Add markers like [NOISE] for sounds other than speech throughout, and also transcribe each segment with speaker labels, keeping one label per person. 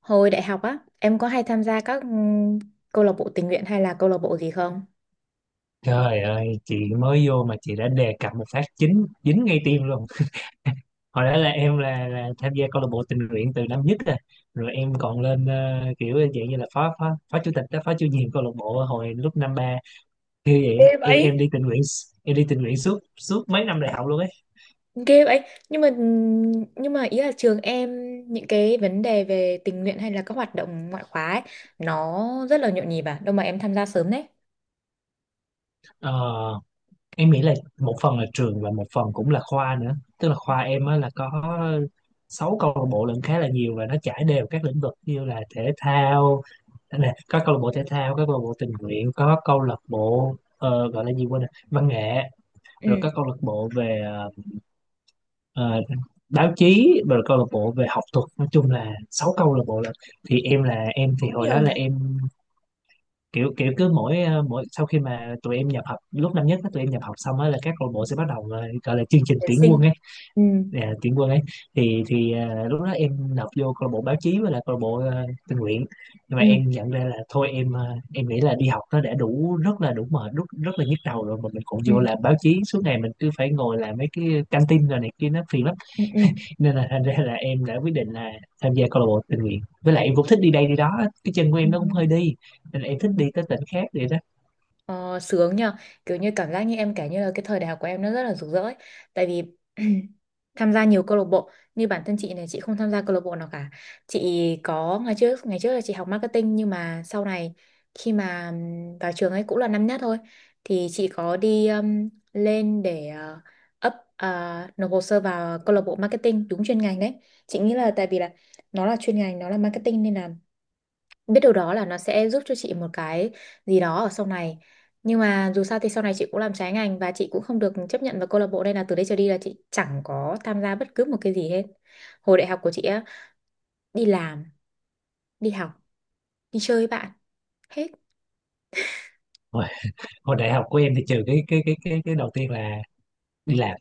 Speaker 1: Hồi đại học á, em có hay tham gia các câu lạc bộ tình nguyện hay là câu lạc bộ gì không?
Speaker 2: Trời ơi, chị mới vô mà chị đã đề cập một phát chính dính ngay tim luôn. [LAUGHS] Hồi đó là em là tham gia câu lạc bộ tình nguyện từ năm nhất rồi. Rồi em còn lên kiểu dạng như là phó phó phó chủ tịch đó, phó chủ nhiệm câu lạc bộ hồi lúc năm ba. Như vậy á,
Speaker 1: Ê
Speaker 2: em
Speaker 1: vậy.
Speaker 2: đi tình nguyện s- em đi tình nguyện suốt suốt mấy năm đại học luôn ấy.
Speaker 1: Ghê vậy. Nhưng mà ừ, nhưng mà ý là trường em, những cái vấn đề về tình nguyện hay là các hoạt động ngoại khóa ấy, nó rất là nhộn nhịp à, đâu mà em tham gia sớm đấy.
Speaker 2: Ờ, em nghĩ là một phần là trường và một phần cũng là khoa nữa. Tức là khoa em á là có sáu câu lạc bộ lận, khá là nhiều, và nó trải đều các lĩnh vực như là thể thao. Đây nè, có câu lạc bộ thể thao, có câu lạc bộ tình nguyện, có câu lạc bộ gọi là gì quên rồi, văn nghệ,
Speaker 1: Ừ.
Speaker 2: rồi có câu lạc bộ về ờ, báo chí, rồi câu lạc bộ về học thuật. Nói chung là sáu câu lạc bộ. Là thì em là em thì
Speaker 1: Cũng
Speaker 2: hồi
Speaker 1: nhiều
Speaker 2: đó
Speaker 1: nhỉ.
Speaker 2: là em kiểu kiểu cứ mỗi mỗi sau khi mà tụi em nhập học lúc năm nhất á, tụi em nhập học xong á là các câu lạc bộ sẽ bắt đầu gọi là chương trình
Speaker 1: Tuyển
Speaker 2: tuyển quân
Speaker 1: sinh.
Speaker 2: ấy,
Speaker 1: Ừ.
Speaker 2: tuyển quân ấy. Lúc đó em nộp vô câu lạc bộ báo chí với lại câu lạc bộ tình nguyện. Nhưng mà
Speaker 1: Ừ.
Speaker 2: em nhận ra là thôi, em nghĩ là đi học nó đã đủ, rất là đủ mệt, rất rất là nhức đầu rồi, mà mình còn
Speaker 1: Ừ.
Speaker 2: vô làm báo chí suốt ngày mình cứ phải ngồi làm mấy cái căng tin rồi này kia, nó phiền lắm.
Speaker 1: Ừ.
Speaker 2: Nên là thành ra là em đã quyết định là tham gia câu lạc bộ tình nguyện, với lại em cũng thích đi đây đi đó, cái chân của
Speaker 1: Ừ.
Speaker 2: em nó cũng hơi đi, nên là em
Speaker 1: Ừ.
Speaker 2: thích đi tới tỉnh khác vậy đó.
Speaker 1: Ờ, sướng nhờ, kiểu như cảm giác như em kể như là cái thời đại học của em nó rất là rực rỡ ấy. Tại vì [CLEARS THROAT] tham gia nhiều câu lạc bộ, như bản thân chị này, chị không tham gia câu lạc bộ nào cả. Chị có, ngày trước, ngày trước là chị học marketing, nhưng mà sau này khi mà vào trường ấy cũng là năm nhất thôi, thì chị có đi, lên để up ờ, nộp hồ sơ vào câu lạc bộ marketing đúng chuyên ngành đấy. Chị nghĩ là tại vì là nó là chuyên ngành, nó là marketing nên là biết điều đó là nó sẽ giúp cho chị một cái gì đó ở sau này. Nhưng mà dù sao thì sau này chị cũng làm trái ngành, và chị cũng không được chấp nhận vào câu lạc bộ, nên là từ đây trở đi là chị chẳng có tham gia bất cứ một cái gì hết. Hồi đại học của chị á, đi làm, đi học, đi chơi với bạn, hết.
Speaker 2: Hồi, hồi đại học của em thì trừ cái đầu tiên là đi làm.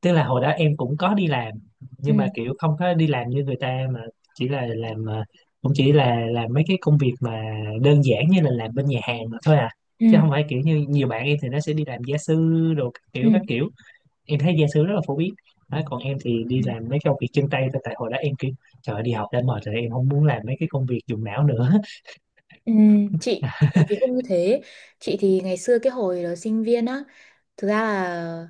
Speaker 2: Tức là hồi đó em cũng có đi làm, nhưng mà
Speaker 1: Ừ.
Speaker 2: kiểu không có đi làm như người ta, mà chỉ là làm cũng chỉ là làm mấy cái công việc mà đơn giản như là làm bên nhà hàng mà thôi à, chứ
Speaker 1: Ừ.
Speaker 2: không phải kiểu như nhiều bạn em thì nó sẽ đi làm gia sư đồ các kiểu
Speaker 1: Ừ.
Speaker 2: các kiểu. Em thấy gia sư rất là phổ biến đó, còn em thì đi
Speaker 1: Ừ.
Speaker 2: làm mấy công việc chân tay thôi, tại hồi đó em kiểu trời ơi, đi học đã mệt rồi, em không muốn làm mấy cái công việc dùng não nữa. [LAUGHS]
Speaker 1: Ừ, chị thì không như thế. Chị thì ngày xưa cái hồi đó sinh viên á, thực ra là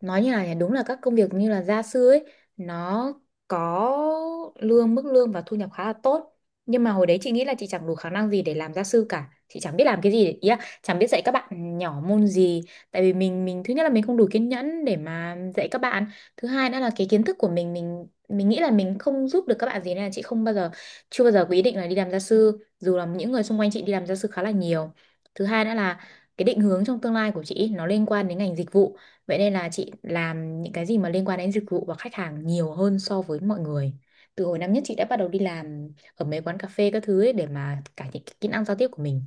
Speaker 1: nói như là, đúng là các công việc như là gia sư ấy, nó có lương, mức lương và thu nhập khá là tốt. Nhưng mà hồi đấy chị nghĩ là chị chẳng đủ khả năng gì để làm gia sư cả, chị chẳng biết làm cái gì, ý là chẳng biết dạy các bạn nhỏ môn gì. Tại vì mình, thứ nhất là mình không đủ kiên nhẫn để mà dạy các bạn. Thứ hai nữa là cái kiến thức của mình, mình nghĩ là mình không giúp được các bạn gì, nên là chị không bao giờ, chưa bao giờ có ý định là đi làm gia sư, dù là những người xung quanh chị đi làm gia sư khá là nhiều. Thứ hai nữa là cái định hướng trong tương lai của chị ý, nó liên quan đến ngành dịch vụ, vậy nên là chị làm những cái gì mà liên quan đến dịch vụ và khách hàng nhiều hơn so với mọi người. Từ hồi năm nhất chị đã bắt đầu đi làm ở mấy quán cà phê các thứ ấy để mà cải thiện cái kỹ năng giao tiếp của mình.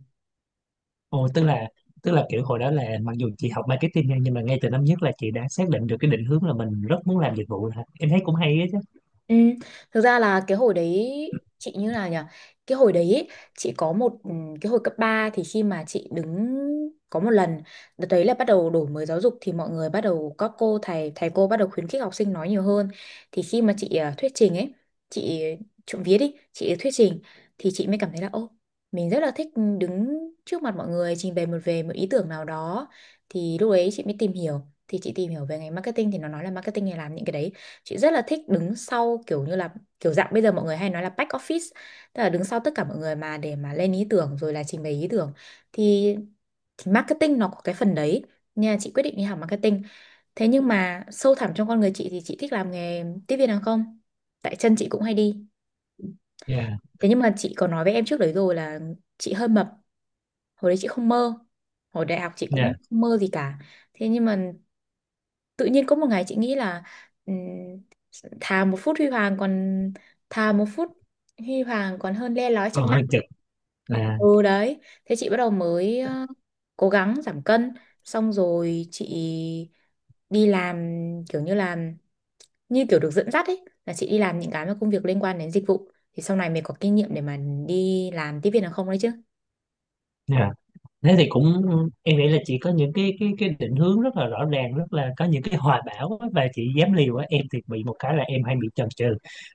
Speaker 2: Ồ, tức là kiểu hồi đó là mặc dù chị học marketing nha, nhưng mà ngay từ năm nhất là chị đã xác định được cái định hướng là mình rất muốn làm dịch vụ hả? Em thấy cũng hay á chứ.
Speaker 1: Ừ. Thực ra là cái hồi đấy chị như là nhỉ, cái hồi đấy ý, chị có một, cái hồi cấp 3 thì khi mà chị đứng, có một lần đợt đấy là bắt đầu đổi mới giáo dục thì mọi người bắt đầu, các cô thầy, thầy cô bắt đầu khuyến khích học sinh nói nhiều hơn, thì khi mà chị thuyết trình ấy, chị trộm vía đi chị thuyết trình, thì chị mới cảm thấy là ô, mình rất là thích đứng trước mặt mọi người trình bày một, về một ý tưởng nào đó. Thì lúc đấy chị mới tìm hiểu, thì chị tìm hiểu về ngành marketing thì nó nói là marketing này làm những cái đấy. Chị rất là thích đứng sau, kiểu như là kiểu dạng bây giờ mọi người hay nói là back office, tức là đứng sau tất cả mọi người mà để mà lên ý tưởng rồi là trình bày ý tưởng, thì, thì marketing nó có cái phần đấy, nên là chị quyết định đi học marketing. Thế nhưng mà sâu thẳm trong con người chị thì chị thích làm nghề tiếp viên hàng không, tại chân chị cũng hay đi.
Speaker 2: Dạ.
Speaker 1: Thế nhưng mà chị có nói với em trước đấy rồi là chị hơi mập, hồi đấy chị không mơ, hồi đại học chị cũng
Speaker 2: Yeah,
Speaker 1: không mơ gì cả. Thế nhưng mà tự nhiên có một ngày chị nghĩ là, ừm, thà một phút huy hoàng còn, thà một phút huy hoàng còn hơn le lói
Speaker 2: còn
Speaker 1: trăm năm.
Speaker 2: hơi cực, à,
Speaker 1: Ừ đấy, thế chị bắt đầu mới cố gắng giảm cân, xong rồi chị đi làm, kiểu như là, như kiểu được dẫn dắt ấy, là chị đi làm những cái mà công việc liên quan đến dịch vụ thì sau này mình có kinh nghiệm để mà đi làm tiếp viên hàng không đấy chứ.
Speaker 2: nhưng thế thì cũng, em nghĩ là chị có những cái định hướng rất là rõ ràng, rất là có những cái hoài bão á, và chị dám liều á. Em thì bị một cái là em hay bị chần chừ.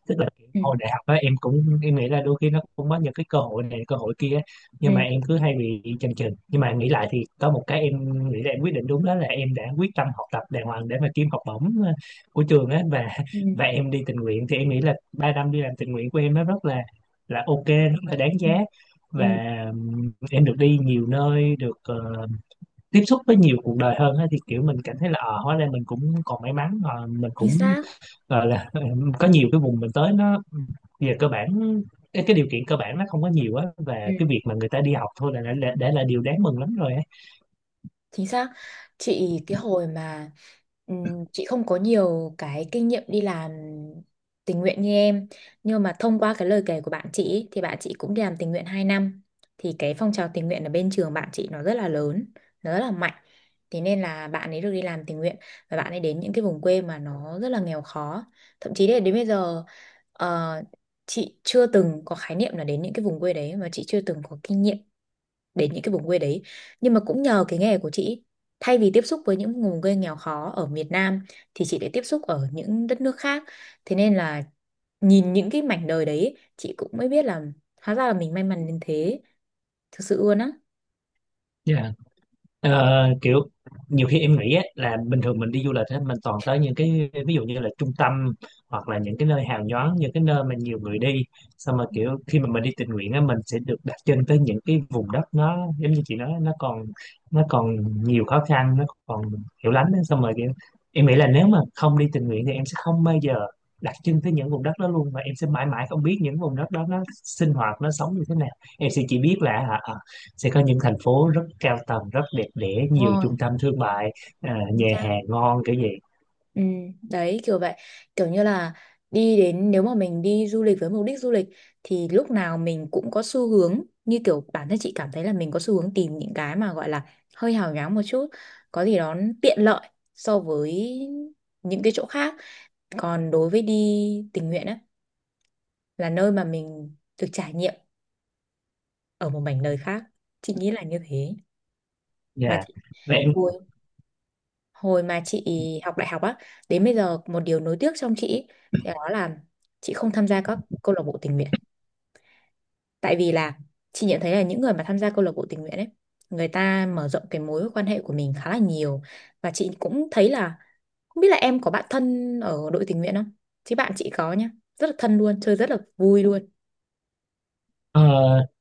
Speaker 2: Tức là kiểu
Speaker 1: Ừ.
Speaker 2: hồi đại học á, em cũng em nghĩ là đôi khi nó cũng có những cái cơ hội này cơ hội kia á,
Speaker 1: Ừ.
Speaker 2: nhưng mà em cứ hay bị chần chừ. Nhưng mà nghĩ lại thì có một cái em nghĩ là em quyết định đúng, đó là em đã quyết tâm học tập đàng hoàng để mà kiếm học bổng của trường á, và [LAUGHS]
Speaker 1: Ừ.
Speaker 2: và em đi tình nguyện. Thì em nghĩ là 3 năm đi làm tình nguyện của em nó rất là ok, rất là đáng
Speaker 1: Ừ.
Speaker 2: giá. Và
Speaker 1: Ừ.
Speaker 2: em được đi nhiều nơi, được tiếp xúc với nhiều cuộc đời hơn á, thì kiểu mình cảm thấy là hóa ra mình cũng còn may mắn, mình
Speaker 1: Chính
Speaker 2: cũng
Speaker 1: xác.
Speaker 2: gọi là [LAUGHS] có nhiều cái vùng mình tới nó về cơ bản cái điều kiện cơ bản nó không có nhiều á, và
Speaker 1: Ừ.
Speaker 2: cái việc mà người ta đi học thôi là đã là điều đáng mừng lắm rồi
Speaker 1: Chính xác. Chị cái hồi mà, chị không có nhiều cái kinh nghiệm đi làm tình nguyện như em, nhưng mà thông qua cái lời kể của bạn chị ý, thì bạn chị cũng đi làm tình nguyện 2 năm, thì cái phong trào tình nguyện ở bên trường bạn chị nó rất là lớn, nó rất là mạnh, thế nên là bạn ấy được đi làm tình nguyện, và bạn ấy đến những cái vùng quê mà nó rất là nghèo khó. Thậm chí là đến bây giờ, ờ, chị chưa từng có khái niệm là đến những cái vùng quê đấy, mà chị chưa từng có kinh nghiệm đến những cái vùng quê đấy. Nhưng mà cũng nhờ cái nghề của chị, thay vì tiếp xúc với những vùng quê nghèo khó ở miền Nam, thì chị lại tiếp xúc ở những đất nước khác. Thế nên là nhìn những cái mảnh đời đấy chị cũng mới biết là, hóa ra là mình may mắn đến thế, thực sự luôn á.
Speaker 2: á. Kiểu nhiều khi em nghĩ á, là bình thường mình đi du lịch á, mình toàn tới những cái ví dụ như là trung tâm, hoặc là những cái nơi hào nhoáng, những cái nơi mà nhiều người đi. Xong mà kiểu khi mà mình đi tình nguyện á, mình sẽ được đặt chân tới những cái vùng đất nó giống như chị nói, nó còn, nó còn nhiều khó khăn, nó còn hiểu lắm á. Xong rồi kiểu em nghĩ là nếu mà không đi tình nguyện thì em sẽ không bao giờ đặt chân tới những vùng đất đó luôn, và em sẽ mãi mãi không biết những vùng đất đó nó sinh hoạt, nó sống như thế nào. Em sẽ chỉ biết là hả, sẽ có những thành phố rất cao tầng, rất đẹp đẽ,
Speaker 1: Đúng
Speaker 2: nhiều
Speaker 1: rồi.
Speaker 2: trung tâm thương mại,
Speaker 1: Chính
Speaker 2: nhà
Speaker 1: xác.
Speaker 2: hàng ngon kiểu vậy.
Speaker 1: Ừ, đấy kiểu vậy, kiểu như là đi đến, nếu mà mình đi du lịch với mục đích du lịch, thì lúc nào mình cũng có xu hướng, như kiểu bản thân chị cảm thấy là mình có xu hướng tìm những cái mà gọi là hơi hào nhoáng một chút, có gì đó tiện lợi so với những cái chỗ khác. Còn đối với đi tình nguyện á, là nơi mà mình được trải nghiệm ở một mảnh đời khác, chị nghĩ là như thế. Mà
Speaker 2: Dạ.
Speaker 1: chị
Speaker 2: Và em
Speaker 1: hồi mà chị học đại học á, đến bây giờ một điều nối tiếc trong chị ý, thì đó là chị không tham gia các câu lạc bộ tình nguyện. Tại vì là chị nhận thấy là những người mà tham gia câu lạc bộ tình nguyện ấy, người ta mở rộng cái mối quan hệ của mình khá là nhiều. Và chị cũng thấy là, không biết là em có bạn thân ở đội tình nguyện không, chứ bạn chị có nhá, rất là thân luôn, chơi rất là vui luôn.
Speaker 2: ờ,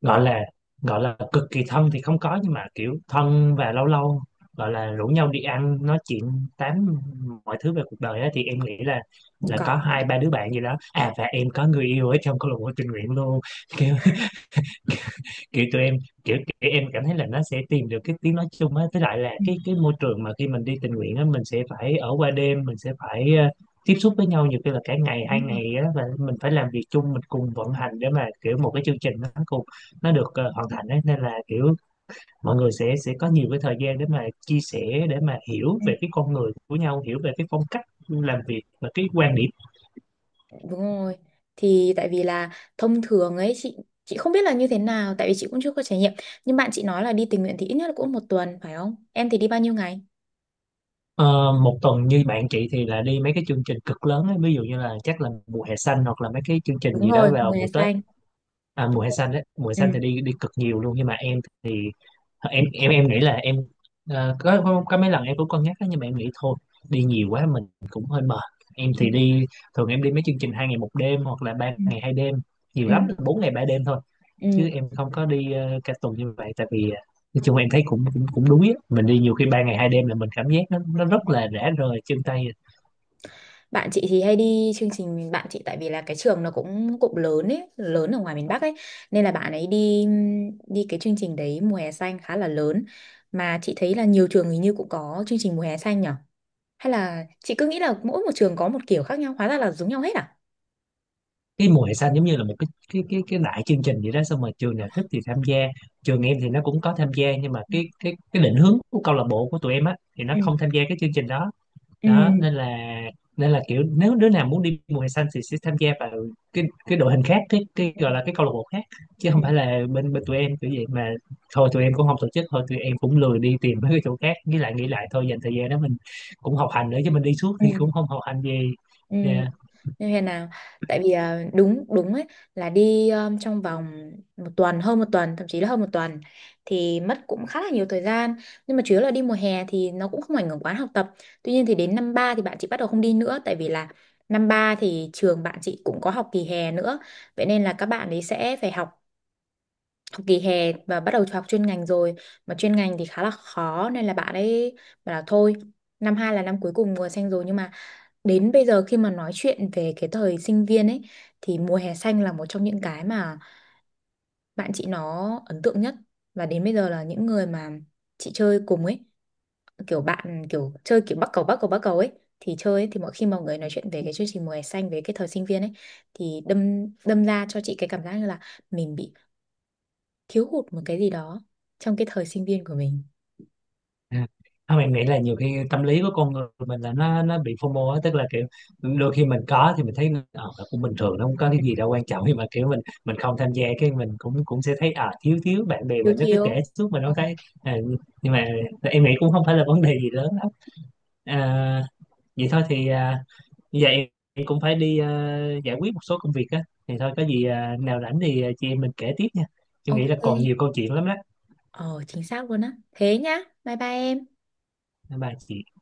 Speaker 2: gọi là, cực kỳ thân thì không có, nhưng mà kiểu thân, và lâu lâu gọi là rủ nhau đi ăn nói chuyện tám mọi thứ về cuộc đời á, thì em nghĩ là
Speaker 1: Có.
Speaker 2: có hai ba đứa bạn gì đó, à và em có người yêu ở trong câu lạc bộ tình nguyện luôn. [LAUGHS] Kiểu tụi em, kiểu em cảm thấy là nó sẽ tìm được cái tiếng nói chung á, với lại là
Speaker 1: Ừ,
Speaker 2: cái môi trường mà khi mình đi tình nguyện á, mình sẽ phải ở qua đêm, mình sẽ phải tiếp xúc với nhau nhiều khi là cả ngày hai
Speaker 1: đúng rồi.
Speaker 2: ngày á, và mình phải làm việc chung, mình cùng vận hành để mà kiểu một cái chương trình nó cùng nó được hoàn thành ấy. Nên là kiểu mọi người sẽ có nhiều cái thời gian để mà chia sẻ, để mà hiểu về cái con người của nhau, hiểu về cái phong cách làm việc và cái quan điểm.
Speaker 1: Đúng rồi. Thì tại vì là thông thường ấy chị, không biết là như thế nào tại vì chị cũng chưa có trải nghiệm. Nhưng bạn chị nói là đi tình nguyện thì ít nhất là cũng một tuần phải không? Em thì đi bao nhiêu ngày?
Speaker 2: Ờ, một tuần như bạn chị thì là đi mấy cái chương trình cực lớn ấy, ví dụ như là chắc là mùa hè xanh, hoặc là mấy cái chương trình
Speaker 1: Đúng
Speaker 2: gì đó
Speaker 1: rồi, mùa
Speaker 2: vào
Speaker 1: hè
Speaker 2: mùa Tết.
Speaker 1: xanh.
Speaker 2: Mùa
Speaker 1: Đúng
Speaker 2: hè
Speaker 1: rồi.
Speaker 2: xanh đấy, mùa hè
Speaker 1: Ừ.
Speaker 2: xanh thì đi đi cực nhiều luôn. Nhưng mà em thì em nghĩ là em có mấy lần em cũng cân nhắc đó, nhưng mà em nghĩ thôi đi nhiều quá mình cũng hơi mệt. Em
Speaker 1: Ừ.
Speaker 2: thì đi, thường em đi mấy chương trình 2 ngày 1 đêm hoặc là ba
Speaker 1: Ừ.
Speaker 2: ngày hai đêm nhiều
Speaker 1: Ừ.
Speaker 2: lắm là 4 ngày 3 đêm thôi.
Speaker 1: Ừ.
Speaker 2: Chứ em không có đi cả tuần như vậy, tại vì nói chung em thấy cũng cũng cũng đuối á. Mình đi nhiều khi 3 ngày 2 đêm là mình cảm giác nó rất
Speaker 1: Này,
Speaker 2: là rã rời chân tay. Ờ,
Speaker 1: bạn chị thì hay đi chương trình, bạn chị tại vì là cái trường nó cũng, cũng lớn ấy, lớn ở ngoài miền Bắc ấy, nên là bạn ấy đi, đi cái chương trình đấy mùa hè xanh khá là lớn. Mà chị thấy là nhiều trường hình như cũng có chương trình mùa hè xanh nhỉ? Hay là chị cứ nghĩ là mỗi một trường có một kiểu khác nhau, hóa ra là giống nhau hết à?
Speaker 2: cái mùa hè xanh giống như là một cái đại chương trình vậy đó, xong rồi trường nào thích thì tham gia. Trường em thì nó cũng có tham gia, nhưng mà
Speaker 1: Ừ.
Speaker 2: cái định hướng của câu lạc bộ của tụi em á thì nó
Speaker 1: Ừ,
Speaker 2: không tham gia cái chương trình đó.
Speaker 1: ừ,
Speaker 2: Đó nên là, kiểu nếu đứa nào muốn đi mùa hè xanh thì sẽ tham gia vào cái đội hình khác, cái gọi là cái câu lạc bộ khác, chứ
Speaker 1: ừ,
Speaker 2: không phải là bên bên tụi em kiểu vậy mà. Thôi tụi em cũng không tổ chức, thôi tụi em cũng lười đi tìm mấy cái chỗ khác. Nghĩ lại nghĩ lại thôi, dành thời gian đó mình cũng học hành nữa chứ, mình đi suốt
Speaker 1: ừ,
Speaker 2: thì cũng không học hành gì.
Speaker 1: ừ.
Speaker 2: Dạ.
Speaker 1: Như thế nào? Tại vì à, đúng đúng ấy, là đi trong vòng một tuần, hơn một tuần, thậm chí là hơn một tuần thì mất cũng khá là nhiều thời gian. Nhưng mà chủ yếu là đi mùa hè thì nó cũng không ảnh hưởng quá học tập. Tuy nhiên thì đến năm ba thì bạn chị bắt đầu không đi nữa, tại vì là năm ba thì trường bạn chị cũng có học kỳ hè nữa, vậy nên là các bạn ấy sẽ phải học học kỳ hè và bắt đầu học chuyên ngành rồi. Mà chuyên ngành thì khá là khó nên là bạn ấy bảo là thôi, năm hai là năm cuối cùng mùa xanh rồi. Nhưng mà đến bây giờ khi mà nói chuyện về cái thời sinh viên ấy, thì mùa hè xanh là một trong những cái mà bạn chị nó ấn tượng nhất. Và đến bây giờ là những người mà chị chơi cùng ấy, kiểu bạn, kiểu chơi kiểu bắc cầu, bắc cầu ấy thì chơi ấy, thì mỗi khi mọi người nói chuyện về cái chương trình mùa hè xanh, về cái thời sinh viên ấy, thì đâm đâm ra cho chị cái cảm giác như là mình bị thiếu hụt một cái gì đó trong cái thời sinh viên của mình.
Speaker 2: À, Không, em nghĩ là nhiều khi tâm lý của con người mình là nó bị FOMO á, tức là kiểu đôi khi mình có thì mình thấy nó cũng bình thường, nó không có cái gì đâu quan trọng, nhưng mà kiểu mình không tham gia cái, mình cũng cũng sẽ thấy thiếu thiếu, bạn bè
Speaker 1: Thiếu,
Speaker 2: mình nó cứ
Speaker 1: thiếu.
Speaker 2: kể suốt
Speaker 1: Ồ,
Speaker 2: mình không thấy. à, nhưng mà em nghĩ cũng không phải là vấn đề gì lớn lắm. à, Vậy thôi thì bây giờ em cũng phải đi giải quyết một số công việc á, thì thôi có gì nào rảnh thì chị em mình kể tiếp nha. Em nghĩ là
Speaker 1: ok.
Speaker 2: còn nhiều câu chuyện lắm đó.
Speaker 1: Ờ, chính xác luôn á, thế nhá, bye bye em.
Speaker 2: Bye bye chị.